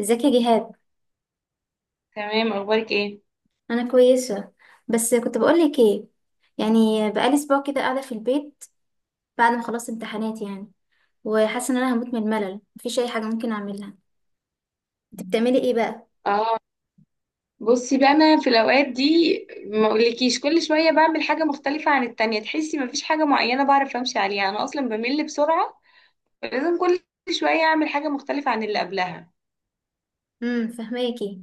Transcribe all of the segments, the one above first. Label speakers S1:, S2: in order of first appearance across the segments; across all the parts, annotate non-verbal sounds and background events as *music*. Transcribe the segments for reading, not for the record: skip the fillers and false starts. S1: ازيك يا جهاد؟
S2: تمام، اخبارك ايه؟
S1: انا كويسه. بس كنت بقول لك ايه، يعني بقالي اسبوع كده قاعده في البيت بعد ما خلصت امتحانات يعني، وحاسه ان انا هموت من الملل، مفيش اي حاجه ممكن اعملها. انت بتعملي ايه بقى؟
S2: اه. بصي بقى، انا في الاوقات دي ما اقولكيش، كل شويه بعمل حاجه مختلفه عن التانية. تحسي مفيش حاجه معينه بعرف امشي عليها، انا اصلا بمل بسرعه، فلازم كل شويه اعمل حاجه مختلفه عن اللي قبلها.
S1: فهماكي.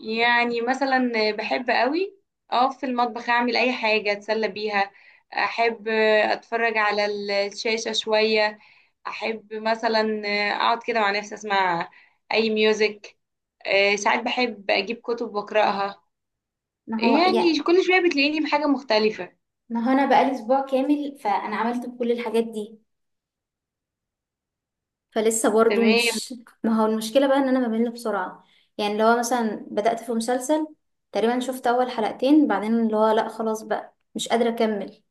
S2: يعني مثلا بحب قوي اقف في المطبخ اعمل اي حاجه اتسلى بيها، احب اتفرج على الشاشه شويه، احب مثلا اقعد كده مع نفسي اسمع اي ميوزك. ساعات بحب اجيب كتب واقراها،
S1: ما هو
S2: يعني
S1: يعني.
S2: كل شوية بتلاقيني بحاجة مختلفة.
S1: ما هو انا بقالي اسبوع كامل فانا عملت كل الحاجات دي، فلسه برضه
S2: تمام.
S1: مش. ما هو المشكله بقى ان انا بمل بسرعه. يعني اللي هو مثلا بدات في مسلسل، تقريبا شفت اول حلقتين بعدين اللي هو لا خلاص بقى مش قادره اكمل.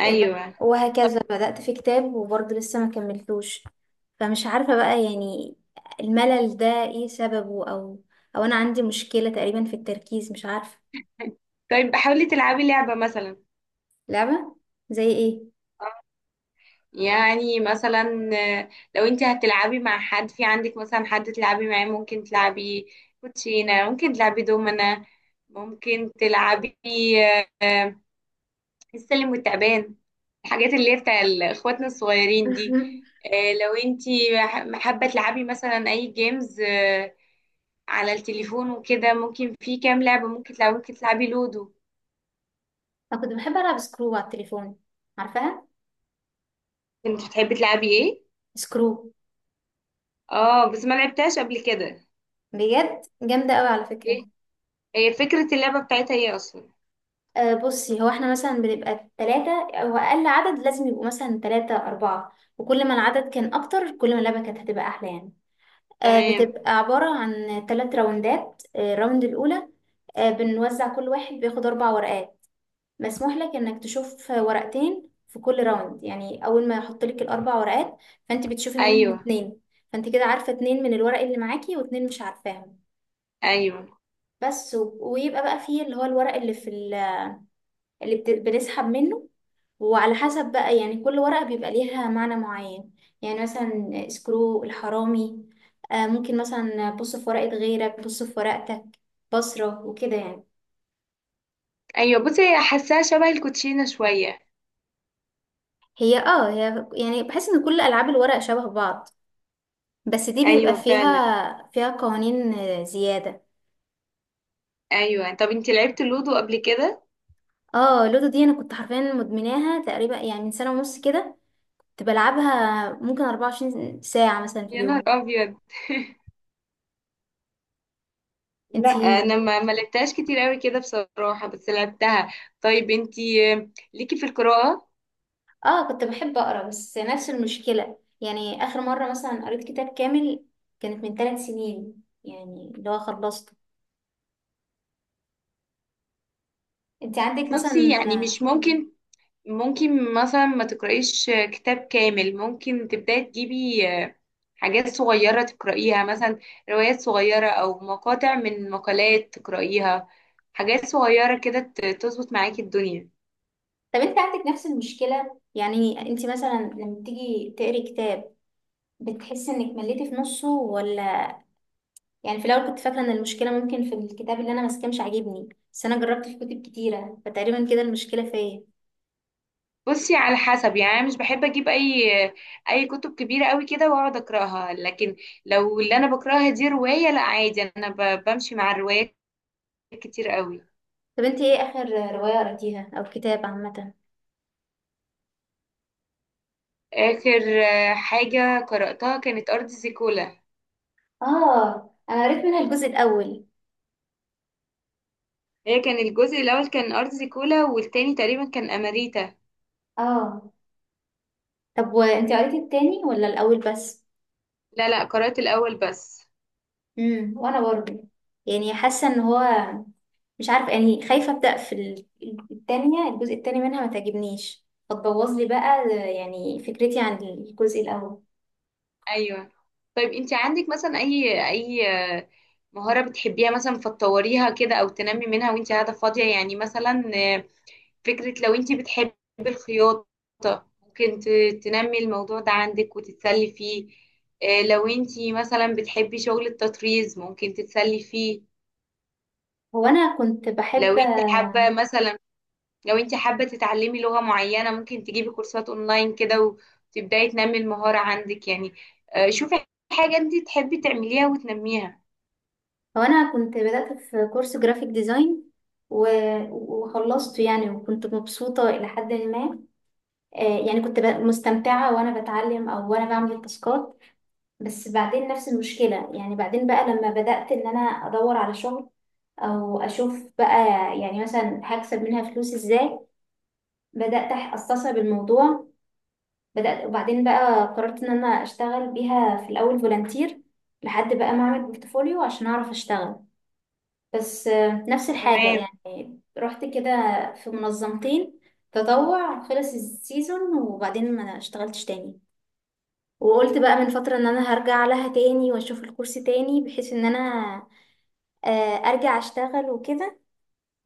S2: أيوة.
S1: وهكذا بدأت في كتاب وبرضه لسه ما كملتوش. فمش عارفة بقى، يعني الملل ده ايه سببه، او انا عندي مشكلة تقريبا في التركيز، مش عارفة.
S2: طيب حاولي تلعبي لعبة مثلا.
S1: لعبة زي ايه؟
S2: يعني مثلا، آه، لو انت هتلعبي مع حد، في عندك مثلا حد تلعبي معاه؟ ممكن تلعبي كوتشينة، ممكن تلعبي دومنا، ممكن تلعبي آه، آه، السلم والتعبان، الحاجات اللي هي بتاع اخواتنا الصغيرين دي.
S1: *laughs*
S2: لو انت حابة تلعبي مثلا اي جيمز على التليفون وكده، ممكن في كام لعبة ممكن تلعبي، ممكن تلعبي لودو.
S1: انا كنت بحب العب سكرو على التليفون، عارفاها؟
S2: كنت بتحبي تلعبي ايه؟
S1: سكرو.
S2: اه بس ما لعبتهاش قبل كده.
S1: بجد جامدة قوي على فكرة.
S2: ايه هي فكرة اللعبة بتاعتها ايه اصلا؟
S1: أه بصي، هو احنا مثلا بنبقى ثلاثة او اقل، عدد لازم يبقوا مثلا ثلاثة اربعة، وكل ما العدد كان اكتر كل ما اللعبة كانت هتبقى احلى يعني.
S2: تمام.
S1: بتبقى عبارة عن ثلاث راوندات. الراوند الأولى، بنوزع كل واحد بياخد أربع ورقات. مسموح لك إنك تشوف ورقتين في كل راوند، يعني أول ما يحط لك الأربع ورقات فأنت بتشوفي منهم
S2: ايوه.
S1: اتنين. فأنت كده عارفة اتنين من الورق اللي معاكي واتنين مش عارفاهم.
S2: ايوه.
S1: بس ويبقى بقى فيه اللي هو الورق اللي في اللي بنسحب منه. وعلى حسب بقى، يعني كل ورقة بيبقى ليها معنى معين. يعني مثلا سكرو الحرامي، ممكن مثلا بص في ورقة غيرك، بص في ورقتك، بصرة وكده يعني.
S2: ايوه بصي هي حاساها شبه الكوتشينة شوية.
S1: هي يعني بحس ان كل ألعاب الورق شبه بعض، بس دي بيبقى
S2: ايوه فعلا.
S1: فيها قوانين زيادة.
S2: ايوه، طب انتي لعبتي لودو قبل كده؟
S1: اه، لودو دي انا كنت حرفيا مدمناها، تقريبا يعني من سنة ونص كده كنت بلعبها، ممكن 24 ساعة مثلا في
S2: يا نهار
S1: اليوم.
S2: ابيض! لا
S1: انتي؟
S2: انا ما لعبتهاش كتير قوي كده بصراحة، بس لعبتها. طيب انتي، ليكي في القراءة؟
S1: اه، كنت بحب اقرا، بس نفس المشكله. يعني اخر مره مثلا قريت كتاب كامل كانت من 3 سنين يعني اللي هو خلصته. انت عندك
S2: بصي
S1: مثلا؟
S2: يعني، مش ممكن ممكن مثلا ما تقرأيش كتاب كامل، ممكن تبداي تجيبي حاجات صغيرة تقرأيها مثلا، روايات صغيرة أو مقاطع من مقالات تقرأيها، حاجات صغيرة كده تظبط معاكي الدنيا.
S1: طب انت عندك نفس المشكله؟ يعني انت مثلا لما تيجي تقري كتاب، بتحس انك مليتي في نصه ولا؟ يعني في الاول كنت فاكره ان المشكله ممكن في الكتاب اللي انا ماسكاه مش عاجبني، بس انا جربت في كتب كتيره فتقريبا كده المشكله فيا.
S2: بصي على حسب، يعني أنا مش بحب أجيب أي كتب كبيرة قوي كده وأقعد أقرأها، لكن لو اللي أنا بقرأها دي رواية، لا عادي، أنا بمشي مع الروايات كتير قوي.
S1: طب انت ايه اخر روايه قريتيها او كتاب عامه؟
S2: آخر حاجة قرأتها كانت أرض زيكولا.
S1: اه، انا قريت منها الجزء الاول.
S2: هي كان الجزء الاول كان ارض كولا، والتاني تقريبا كان اماريتا.
S1: اه، طب وانت قريتي التاني ولا الاول بس؟
S2: لا قرأت الاول بس.
S1: وانا برضه يعني حاسه ان هو، مش عارفه، يعني خايفه ابدا في التانية، الجزء التاني منها ما تعجبنيش فتبوظ لي بقى يعني فكرتي عن الجزء الاول.
S2: ايوه. طيب انت عندك مثلا اي مهارة بتحبيها مثلا فتطوريها كده او تنمي منها وانت قاعدة فاضية؟ يعني مثلا، فكرة، لو انت بتحبي الخياطة ممكن تنمي الموضوع ده عندك وتتسلي فيه. لو انت مثلا بتحبي شغل التطريز ممكن تتسلي فيه.
S1: هو انا كنت بحب
S2: لو انت حابة مثلا لو انت حابة تتعلمي لغة معينة، ممكن تجيبي كورسات اونلاين كده وتبدأي تنمي المهارة عندك. يعني شوفي حاجة انت تحبي تعمليها وتنميها.
S1: هو انا كنت بدات في كورس جرافيك ديزاين و... وخلصته يعني، وكنت مبسوطه الى حد ما. يعني كنت مستمتعه وانا بتعلم او وانا بعمل التاسكات. بس بعدين نفس المشكلة، يعني بعدين بقى لما بدأت إن أنا أدور على شغل، أو أشوف بقى يعني مثلا هكسب منها فلوس إزاي، بدأت أستصعب الموضوع. بدأت وبعدين بقى قررت إن أنا أشتغل بيها في الأول فولنتير، لحد بقى ما أعمل بورتفوليو عشان أعرف أشتغل. بس نفس الحاجة
S2: تمام.
S1: يعني. رحت كده في منظمتين تطوع، خلص السيزون وبعدين ما اشتغلتش تاني. وقلت بقى من فترة ان انا هرجع لها تاني، واشوف الكورس تاني بحيث ان انا آه، ارجع اشتغل وكده.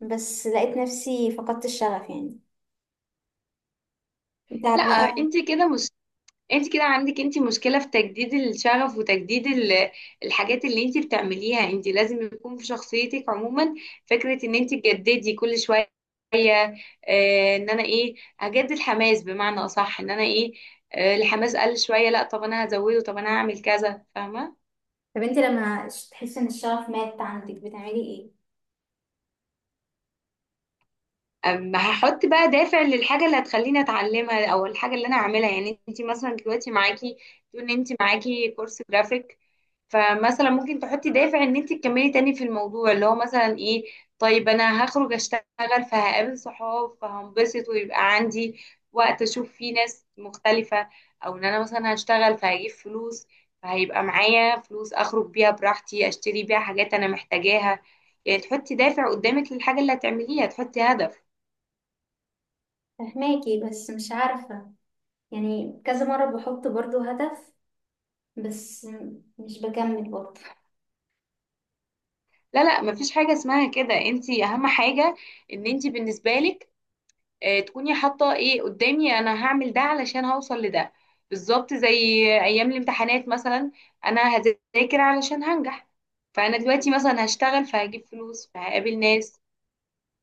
S1: بس لقيت نفسي فقدت الشغف يعني، انت
S2: لا
S1: عارفة بقى.
S2: انت كده مش انت كده عندك، انت مشكلة في تجديد الشغف وتجديد الحاجات اللي انت بتعمليها. انت لازم يكون في شخصيتك عموما فكرة ان انت تجددي كل شوية. اه ان انا ايه، هجدد حماس، بمعنى اصح ان انا ايه، الحماس قل شوية، لا طب انا هزوده، طب انا هعمل كذا، فاهمة؟
S1: طب انت لما تحسي ان الشغف مات عندك بتعملي ايه؟
S2: أما هحط بقى دافع للحاجة اللي هتخليني اتعلمها او الحاجة اللي انا اعملها. يعني انت مثلا دلوقتي معاكي، تقول ان انت معاكي كورس جرافيك، فمثلا ممكن تحطي دافع ان انت تكملي تاني في الموضوع، اللي هو مثلا ايه؟ طيب انا هخرج اشتغل فهقابل صحاب فهنبسط ويبقى عندي وقت اشوف فيه ناس مختلفة، او ان انا مثلا هشتغل فهجيب فلوس فهيبقى معايا فلوس اخرج بيها براحتي اشتري بيها حاجات انا محتاجاها. يعني تحطي دافع قدامك للحاجة اللي هتعمليها، تحطي هدف.
S1: فهماكي، بس مش عارفة. يعني كذا مرة بحط برضو هدف، بس مش بكمل برضو.
S2: لا مفيش حاجة اسمها كده، انت اهم حاجة ان انت بالنسبة لك تكوني حاطة ايه قدامي، انا هعمل ده علشان هوصل لده. بالظبط زي ايام الامتحانات مثلا، انا هذاكر علشان هنجح. فانا دلوقتي مثلا هشتغل فهجيب فلوس فهقابل ناس.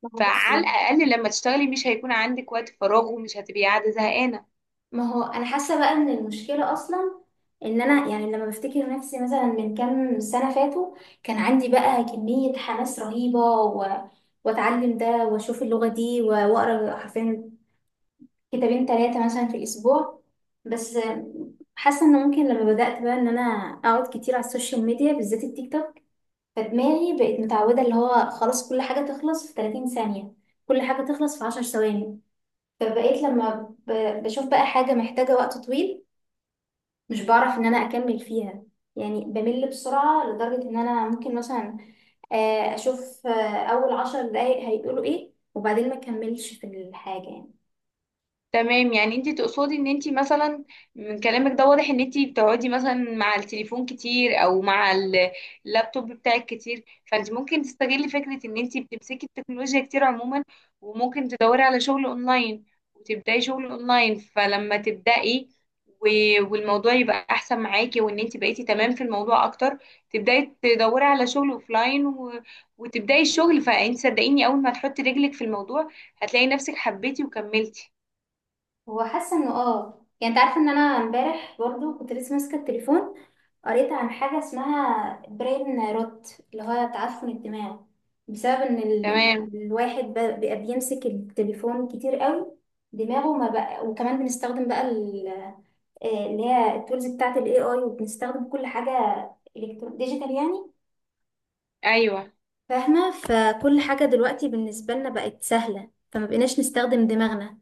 S1: ما هو بصي،
S2: فعلى الاقل لما تشتغلي مش هيكون عندك وقت فراغ ومش هتبقي قاعدة زهقانة.
S1: ما هو انا حاسه بقى ان المشكله اصلا ان انا، يعني لما بفتكر نفسي مثلا من كام سنه فاتوا، كان عندي بقى كميه حماس رهيبه، واتعلم ده واشوف اللغه دي واقرا حرفيا كتابين تلاتة مثلا في الأسبوع. بس حاسة إن ممكن لما بدأت بقى إن أنا أقعد كتير على السوشيال ميديا، بالذات التيك توك، فدماغي بقت متعودة اللي هو خلاص كل حاجة تخلص في 30 ثانية، كل حاجة تخلص في 10 ثواني. فبقيت لما بشوف بقى حاجة محتاجة وقت طويل، مش بعرف إن أنا أكمل فيها. يعني بمل بسرعة لدرجة إن أنا ممكن مثلا أشوف أول 10 دقايق هيقولوا إيه وبعدين ما أكملش في الحاجة يعني.
S2: تمام. يعني انت تقصدي ان انت مثلا، من كلامك ده واضح ان انت بتقعدي مثلا مع التليفون كتير او مع اللابتوب بتاعك كتير، فانت ممكن تستغلي فكرة ان انت بتمسكي التكنولوجيا كتير عموما، وممكن تدوري على شغل اونلاين وتبداي شغل اونلاين. فلما تبداي والموضوع يبقى احسن معاكي وان انت بقيتي تمام في الموضوع اكتر، تبداي تدوري على شغل اوفلاين و... وتبداي الشغل. فانت صدقيني، اول ما تحطي رجلك في الموضوع هتلاقي نفسك حبيتي وكملتي.
S1: هو حاسه انه يعني انت عارفه ان انا امبارح برضو كنت لسه ماسكه التليفون، قريت عن حاجه اسمها برين روت، اللي هو تعفن الدماغ بسبب ان
S2: تمام.
S1: الواحد بقى بيمسك التليفون كتير قوي، دماغه ما بقى. وكمان بنستخدم بقى اللي هي التولز بتاعه الاي اي، وبنستخدم كل حاجه الكترون ديجيتال يعني،
S2: ايوه.
S1: فاهمه؟ فكل حاجه دلوقتي بالنسبه لنا بقت سهله فما بقيناش نستخدم دماغنا.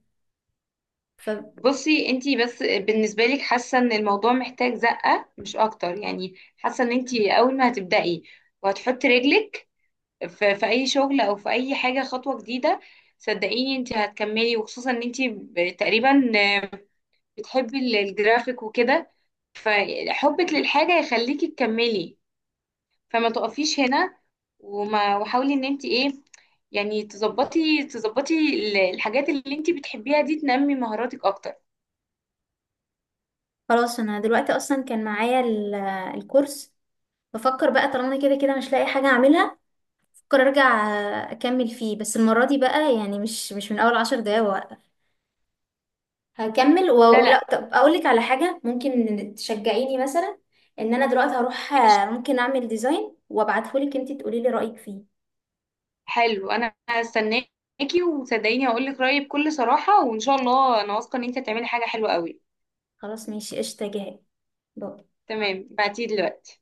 S2: بصي انتي بس، بالنسبه لك حاسه ان الموضوع محتاج زقه مش اكتر، يعني حاسه ان انتي اول ما هتبداي وهتحطي رجلك في اي شغل او في اي حاجه خطوه جديده، صدقيني انتي هتكملي. وخصوصا ان انتي تقريبا بتحبي الجرافيك وكده، فحبك للحاجه يخليكي تكملي. فما تقفيش هنا، وحاولي ان انتي ايه، يعني تظبطي الحاجات اللي انتي بتحبيها دي تنمي مهاراتك اكتر.
S1: خلاص انا دلوقتي اصلا كان معايا الكورس، بفكر بقى طالما انا كده كده مش لاقي حاجه اعملها، بفكر ارجع اكمل فيه، بس المره دي بقى يعني مش من اول 10 دقايق وقف، هكمل.
S2: لا.
S1: ولا طب اقول لك على حاجه ممكن تشجعيني مثلا؟ ان انا دلوقتي هروح
S2: ماشي.
S1: ممكن اعمل ديزاين وابعتهولك انت تقولي لي رايك فيه.
S2: حلو، انا هستناكي، وصدقيني هقول لك رايي بكل صراحه، وان شاء الله انا واثقه ان انت هتعملي حاجه حلوه قوي.
S1: خلاص ماشي، قشطه جهاد.
S2: تمام، بعتيه دلوقتي؟